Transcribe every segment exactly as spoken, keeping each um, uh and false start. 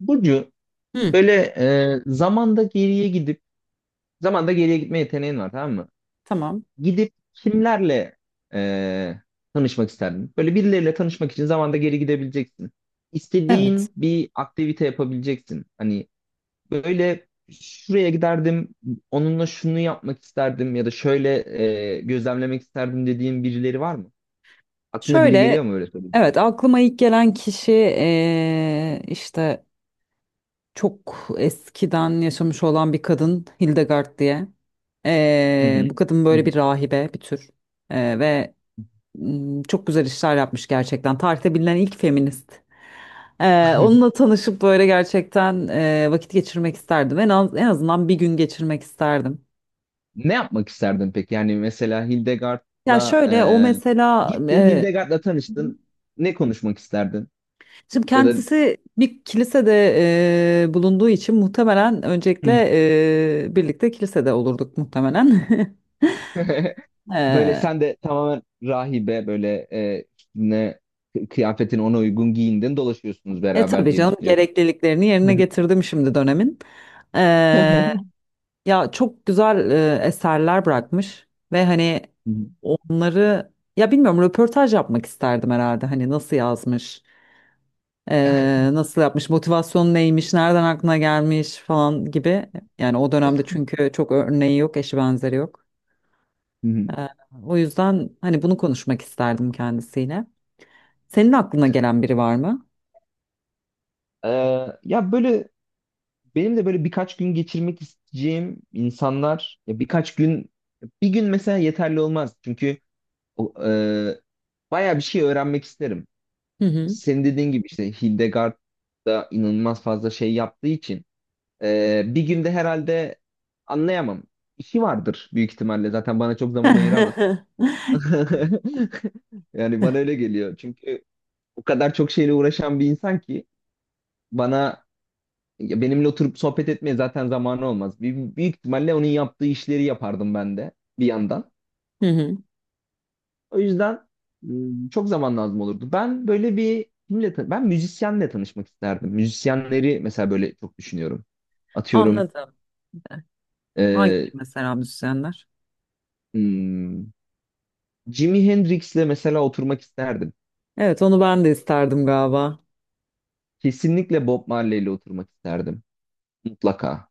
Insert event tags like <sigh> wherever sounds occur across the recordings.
Burcu, Hı. böyle e, zamanda geriye gidip zamanda geriye gitme yeteneğin var, tamam mı? Tamam. Gidip kimlerle e, tanışmak isterdin? Böyle birileriyle tanışmak için zamanda geri gidebileceksin. Evet. İstediğin bir aktivite yapabileceksin. Hani böyle şuraya giderdim, onunla şunu yapmak isterdim ya da şöyle e, gözlemlemek isterdim dediğin birileri var mı? Aklına biri Şöyle, geliyor mu, öyle söyleyeyim? evet aklıma ilk gelen kişi eee, işte çok eskiden yaşamış olan bir kadın Hildegard diye. Hı Eee, hı. bu kadın Hı böyle bir hı. rahibe, bir tür. Eee, ve mm, çok güzel işler yapmış gerçekten. Tarihte bilinen ilk feminist. Eee, <laughs> onunla tanışıp böyle gerçekten eee, vakit geçirmek isterdim. En az, en azından bir gün geçirmek isterdim. Ne yapmak isterdin peki? Yani mesela Ya Hildegard'la şöyle o e, mesela gittin, eee Hildegard'la tanıştın. Ne konuşmak isterdin? Şimdi Ya da kendisi bir kilisede e, bulunduğu için muhtemelen öncelikle <laughs> e, birlikte kilisede olurduk muhtemelen. <laughs> böyle E, sen de tamamen rahibe böyle, e, ne kıyafetin ona uygun giyindin, dolaşıyorsunuz e beraber tabii diye canım, düşünüyorum. gerekliliklerini yerine <laughs> getirdim şimdi dönemin. E, Hı ya çok güzel e, eserler bırakmış ve hani onları, ya bilmiyorum, röportaj yapmak isterdim herhalde. Hani nasıl yazmış, e, nasıl yapmış, motivasyonu neymiş, nereden aklına gelmiş falan gibi. Yani o dönemde çünkü çok örneği yok, eşi benzeri yok. hı. Ee, o yüzden hani bunu konuşmak isterdim kendisiyle. Senin aklına gelen biri var mı? Ee, ya böyle benim de böyle birkaç gün geçirmek isteyeceğim insanlar, ya birkaç gün, bir gün mesela yeterli olmaz çünkü o, e, bayağı bir şey öğrenmek isterim. Hı hı. senin dediğin gibi işte Hildegard da inanılmaz fazla şey yaptığı için e, bir günde herhalde anlayamam. İşi vardır büyük ihtimalle. Zaten bana çok zaman ayıramaz. <laughs> <laughs> Yani bana öyle geliyor. Çünkü o kadar çok şeyle uğraşan bir insan ki, bana, ya benimle oturup sohbet etmeye zaten zamanı olmaz. Büy- Büyük ihtimalle onun yaptığı işleri yapardım ben de bir yandan. Hı hı. O yüzden m, çok zaman lazım olurdu. Ben böyle bir kimle tan- ben müzisyenle tanışmak isterdim. Müzisyenleri mesela böyle çok düşünüyorum. Atıyorum Anladım. Hangi e, mesela? Müzisyenler? m, Jimi Hendrix'le mesela oturmak isterdim. Evet, onu ben de isterdim galiba. Kesinlikle Bob Marley'le oturmak isterdim. Mutlaka.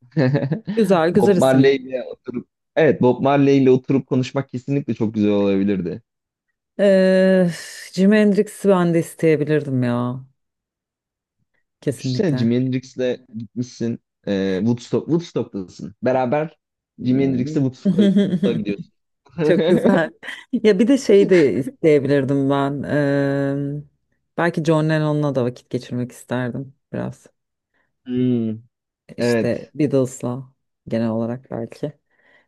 <laughs> Güzel güzel Bob isim. Marley'le oturup evet Bob Marley'le oturup konuşmak kesinlikle çok güzel olabilirdi. Ee, Jimi Hendrix'i ben de isteyebilirdim ya. Düşünsene, Kesinlikle. Jimi Hendrix'le gitmişsin, e, Woodstock, Woodstock'tasın. Beraber Jimi Hendrix'le Woodstock'a Woodstock'a gidiyorsun. <laughs> Çok güzel. <laughs> <laughs> Ya bir de şey de isteyebilirdim ben. Eee, belki John Lennon'la da vakit geçirmek isterdim biraz. Hmm, İşte evet. Beatles'la genel olarak belki.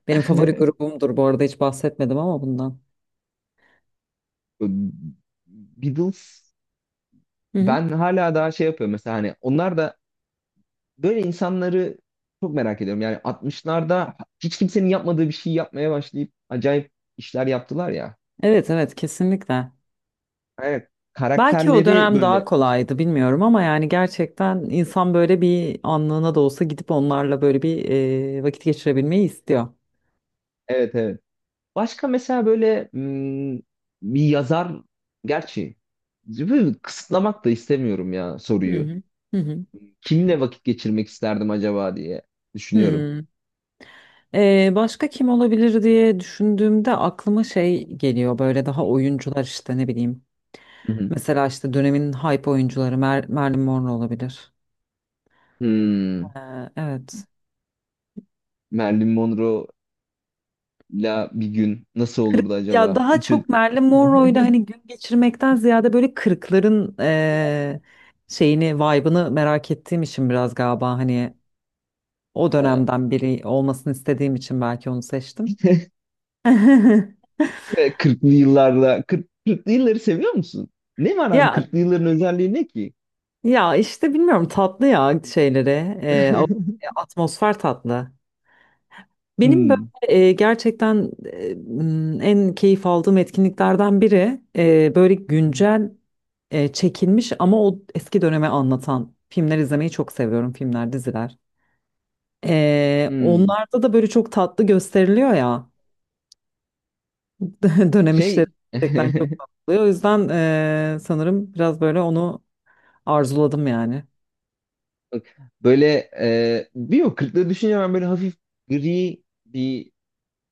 Benim favori <laughs> grubumdur bu arada, hiç bahsetmedim ama bundan. Beatles, Hı hı. ben hala daha şey yapıyorum mesela, hani onlar da böyle insanları çok merak ediyorum. Yani altmışlarda hiç kimsenin yapmadığı bir şey yapmaya başlayıp acayip işler yaptılar ya. Evet, evet, kesinlikle. Evet. Belki o Karakterleri dönem daha böyle şey kolaydı, yapıyor. bilmiyorum, ama yani gerçekten insan böyle bir anlığına da olsa gidip onlarla böyle bir eee, vakit geçirebilmeyi istiyor. Evet, evet. Başka mesela böyle, hmm, bir yazar, gerçi böyle kısıtlamak da istemiyorum ya Hı soruyu. hı. Hı hı. Kimle vakit geçirmek isterdim acaba diye düşünüyorum. Hmm. Ee, başka kim olabilir diye düşündüğümde aklıma şey geliyor, böyle daha oyuncular işte, ne bileyim. Hı hı. Mesela işte dönemin hype oyuncuları, Mer- Marilyn Monroe olabilir. Hmm. Ee, evet. Marilyn Monroe'la bir gün nasıl Kırk- olurdu ya acaba? daha Bütün çok <laughs> Marilyn Monroe'yla hani gün geçirmekten ziyade böyle kırkların eee, şeyini, vibe'ını merak ettiğim için biraz galiba, hani o he, dönemden biri olmasını istediğim için belki onu seçtim. <laughs> kırklı <laughs> yıllarda, kırk, kırklı yılları seviyor musun? Ne var abi, Ya kırklı yılların özelliği ne ki? Ya işte bilmiyorum, tatlı ya şeyleri. Ee, o- e, <laughs> atmosfer tatlı. Benim böyle Hmm. e, gerçekten e, m, en keyif aldığım etkinliklerden biri, e, böyle güncel e, çekilmiş ama o eski döneme anlatan filmler izlemeyi çok seviyorum. Filmler, diziler. Ee, Hmm. Onlarda da böyle çok tatlı gösteriliyor ya. <laughs> Dönem işleri Şey, gerçekten <laughs> çok tatlı oluyor. O yüzden e, sanırım biraz böyle onu arzuladım yani. bak, böyle e, bir o kırklı düşünce, ben böyle hafif gri bir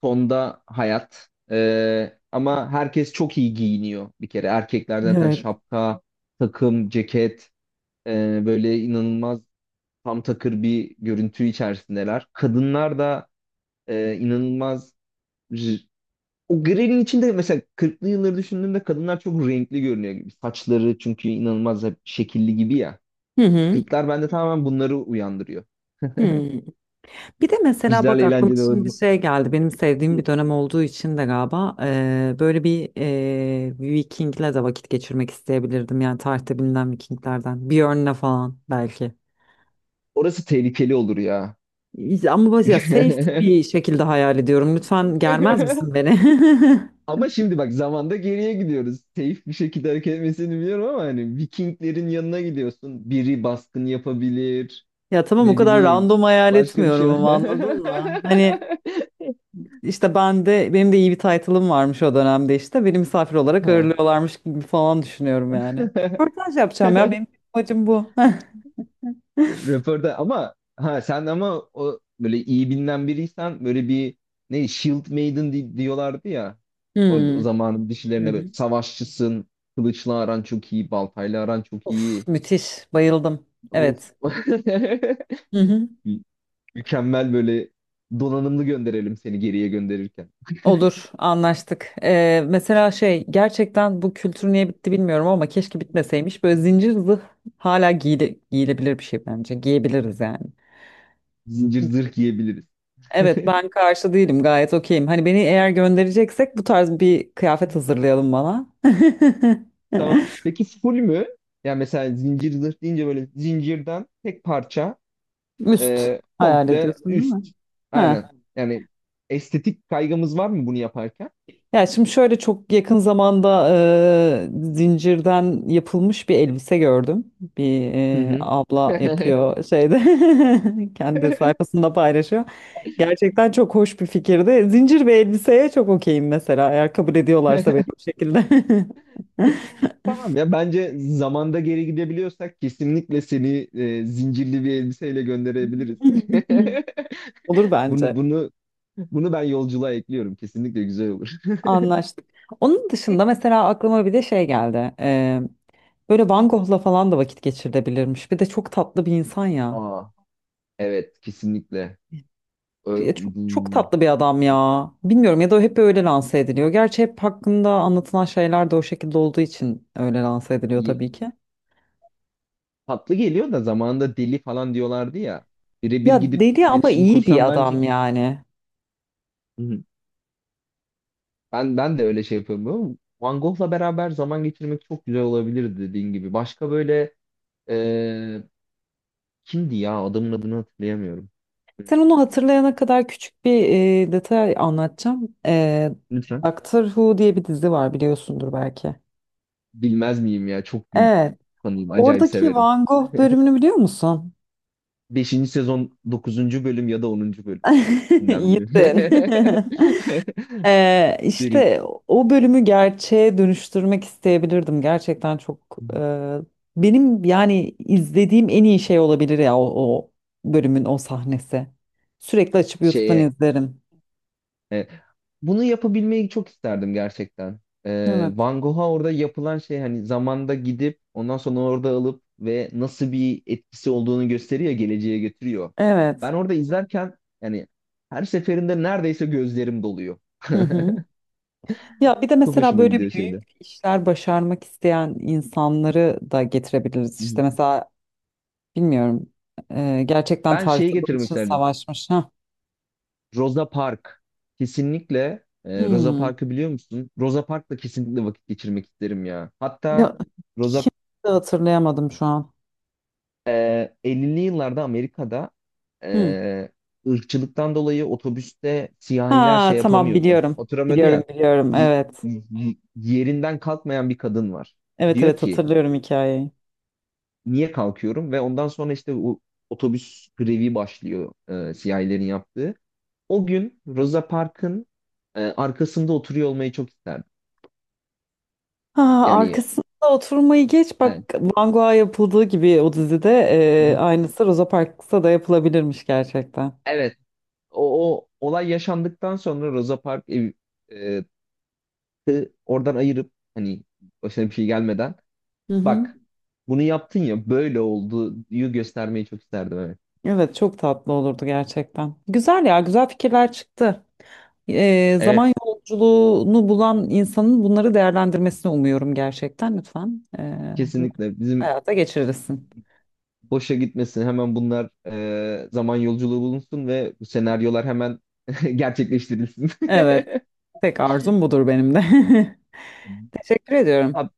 tonda hayat, E, ama herkes çok iyi giyiniyor bir kere, erkekler zaten Evet. şapka, takım ceket, E, böyle inanılmaz tam takır bir görüntü içerisindeler. Kadınlar da e, inanılmaz, r- o grelin içinde, mesela kırklı yılları düşündüğümde kadınlar çok renkli görünüyor gibi. Saçları çünkü inanılmaz hep şekilli gibi ya. Hı hı. Kırklar bende tamamen bunları uyandırıyor. Hı. Bir de mesela Güzel, bak, aklıma eğlenceli şimdi bir olabilir. şey geldi. Benim sevdiğim bir dönem olduğu için de galiba eee, böyle bir eee Viking'le de vakit geçirmek isteyebilirdim. Yani tarihte bilinen Vikinglerden. Björn'le falan belki. Orası tehlikeli olur ya. Ama böyle ya safe bir <laughs> şekilde hayal ediyorum. Lütfen germez misin beni? <laughs> Ama şimdi bak, zamanda geriye gidiyoruz. Safe bir şekilde hareket etmesini biliyorum ama hani Vikinglerin yanına gidiyorsun. Biri baskın yapabilir. Ya tamam, o Ne kadar bileyim. random hayal Başka bir şey. etmiyorum <laughs> ama, anladın mı? Hani işte ben de, benim de iyi bir title'ım varmış o dönemde işte. Beni misafir olarak Ha. ağırlıyorlarmış gibi falan düşünüyorum yani. Röportaj yapacağım ya. Benim <laughs> amacım bu. <laughs> Röportaj, ama ha sen, ama o böyle iyi bilinen biriysen, böyle bir ne Shield Maiden di- diyorlardı ya. Orada o Hmm, zamanın Hı dişilerine böyle, hı. savaşçısın, kılıçla aran çok iyi, baltayla aran çok Of, iyi. müthiş. Bayıldım. Of. Evet. <laughs> Hı hı. Mü- Mükemmel, böyle donanımlı gönderelim seni geriye gönderirken. Olur, anlaştık. Ee, mesela şey, gerçekten bu kültür niye bitti bilmiyorum ama keşke bitmeseymiş. Böyle zincir zırh hala giyile, giyilebilir bir şey bence. Giyebiliriz yani. Zincir zırh giyebiliriz. Evet, <laughs> ben karşı değilim. Gayet okeyim. Hani beni eğer göndereceksek, bu tarz bir kıyafet hazırlayalım bana. Tamam. Peki, full mü? Yani mesela zincir zırh deyince böyle zincirden tek parça, <laughs> Üst e, hayal komple ediyorsun değil mi? üst. Aynen. Ha. Yani estetik kaygımız var mı bunu yaparken? Ya şimdi şöyle, çok yakın zamanda e, zincirden yapılmış bir elbise gördüm. Bir Hı e, hı. abla <laughs> yapıyor şeyde, <laughs> kendi sayfasında paylaşıyor. Gerçekten çok hoş bir fikirdi. Zincir ve elbiseye çok okeyim mesela, eğer kabul ediyorlarsa beni bu şekilde. Tamam ya, bence zamanda geri gidebiliyorsak kesinlikle seni e, zincirli bir elbiseyle gönderebiliriz. <laughs> <laughs> Olur Bunu bence. bunu bunu ben yolculuğa ekliyorum. Kesinlikle güzel olur. Anlaştık. Onun dışında mesela aklıma bir de şey geldi. E, böyle Van Gogh'la falan da vakit geçirilebilirmiş. Bir de çok tatlı bir insan ya. Aa, evet, kesinlikle. Ö- Ya çok, çok bu- tatlı bir adam ya. Bilmiyorum, ya da hep öyle lanse ediliyor. Gerçi hep hakkında anlatılan şeyler de o şekilde olduğu için öyle lanse ediliyor tabii ki. tatlı geliyor da zamanında deli falan diyorlardı ya. Birebir Ya gidip deli, ama iletişim iyi bir kursam bence. adam yani. Hı hı. Ben ben de öyle şey yapıyorum, ama Van Gogh'la beraber zaman geçirmek çok güzel olabilirdi dediğin gibi. Başka böyle e, kimdi ya? Adamın adını hatırlayamıyorum. Sen onu Hmm, hatırlayana kadar küçük bir e, detay anlatacağım. E, Lütfen. Doctor Who diye bir dizi var, biliyorsundur belki. Bilmez miyim ya? Çok büyük Evet. fanıyım. Acayip Oradaki severim. Van Gogh bölümünü biliyor musun? Beşinci sezon dokuzuncu bölüm ya da onuncu <laughs> bölümünden biri. İyisin. <laughs> Ee, <laughs> Derin işte o bölümü gerçeğe dönüştürmek isteyebilirdim. Gerçekten çok e, benim yani izlediğim en iyi şey olabilir ya, o, o bölümün o sahnesi. Sürekli açıp YouTube'dan şeye. izlerim. Evet. Bunu yapabilmeyi çok isterdim gerçekten. Ee, Evet. Van Gogh'a orada yapılan şey, hani zamanda gidip ondan sonra orada alıp ve nasıl bir etkisi olduğunu gösteriyor, geleceğe götürüyor. Evet. Ben orada izlerken, yani her seferinde neredeyse gözlerim doluyor. Hı hı. Ya bir de Çok mesela hoşuma böyle gidiyor büyük şeyde. işler başarmak isteyen insanları da getirebiliriz. Hı İşte hı. mesela, bilmiyorum, e, gerçekten Ben şeyi tarihte bunun getirmek için isterdim. savaşmış. Ha. Rosa Park. Kesinlikle, e, Rosa Hmm. Park'ı biliyor musun? Rosa Park'la kesinlikle vakit geçirmek isterim ya. Hatta Ya, Rosa. kimse, hatırlayamadım şu an. Ee, ellili yıllarda Amerika'da Hı. e, ırkçılıktan dolayı otobüste siyahiler Ha şey tamam, yapamıyordu. biliyorum. Oturamıyordu Biliyorum, ya. biliyorum, Y- evet. y- yerinden kalkmayan bir kadın var. Evet, Diyor evet, ki, hatırlıyorum hikayeyi. niye kalkıyorum? Ve ondan sonra işte o otobüs grevi başlıyor, e, siyahilerin yaptığı. O gün Rosa Parks'ın e, arkasında oturuyor olmayı çok isterdim. Ha, Yani, arkasında oturmayı geç, evet. bak Van Gogh'a yapıldığı gibi o dizide, Hı e, hı. aynısı Rosa Parks'ta da yapılabilirmiş gerçekten. Evet. O, o olay yaşandıktan sonra Rosa Parks ev- e, e, oradan ayırıp, hani başına bir şey gelmeden, Hı hı. bak bunu yaptın ya, böyle oldu diye göstermeyi çok isterdim, evet. Evet, çok tatlı olurdu gerçekten. Güzel ya, güzel fikirler çıktı. E, zaman Evet, yolculuğunu bulan insanın bunları değerlendirmesini umuyorum gerçekten, lütfen. E, bunları kesinlikle bizim hayata geçirirsin. boşa gitmesin hemen bunlar, e, zaman yolculuğu bulunsun ve bu senaryolar hemen <laughs> gerçekleştirilsin. Evet, <laughs> tek arzum budur benim de. <laughs> Teşekkür ediyorum. Abi,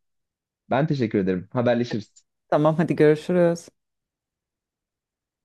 ben teşekkür ederim. Haberleşiriz. Tamam, hadi görüşürüz.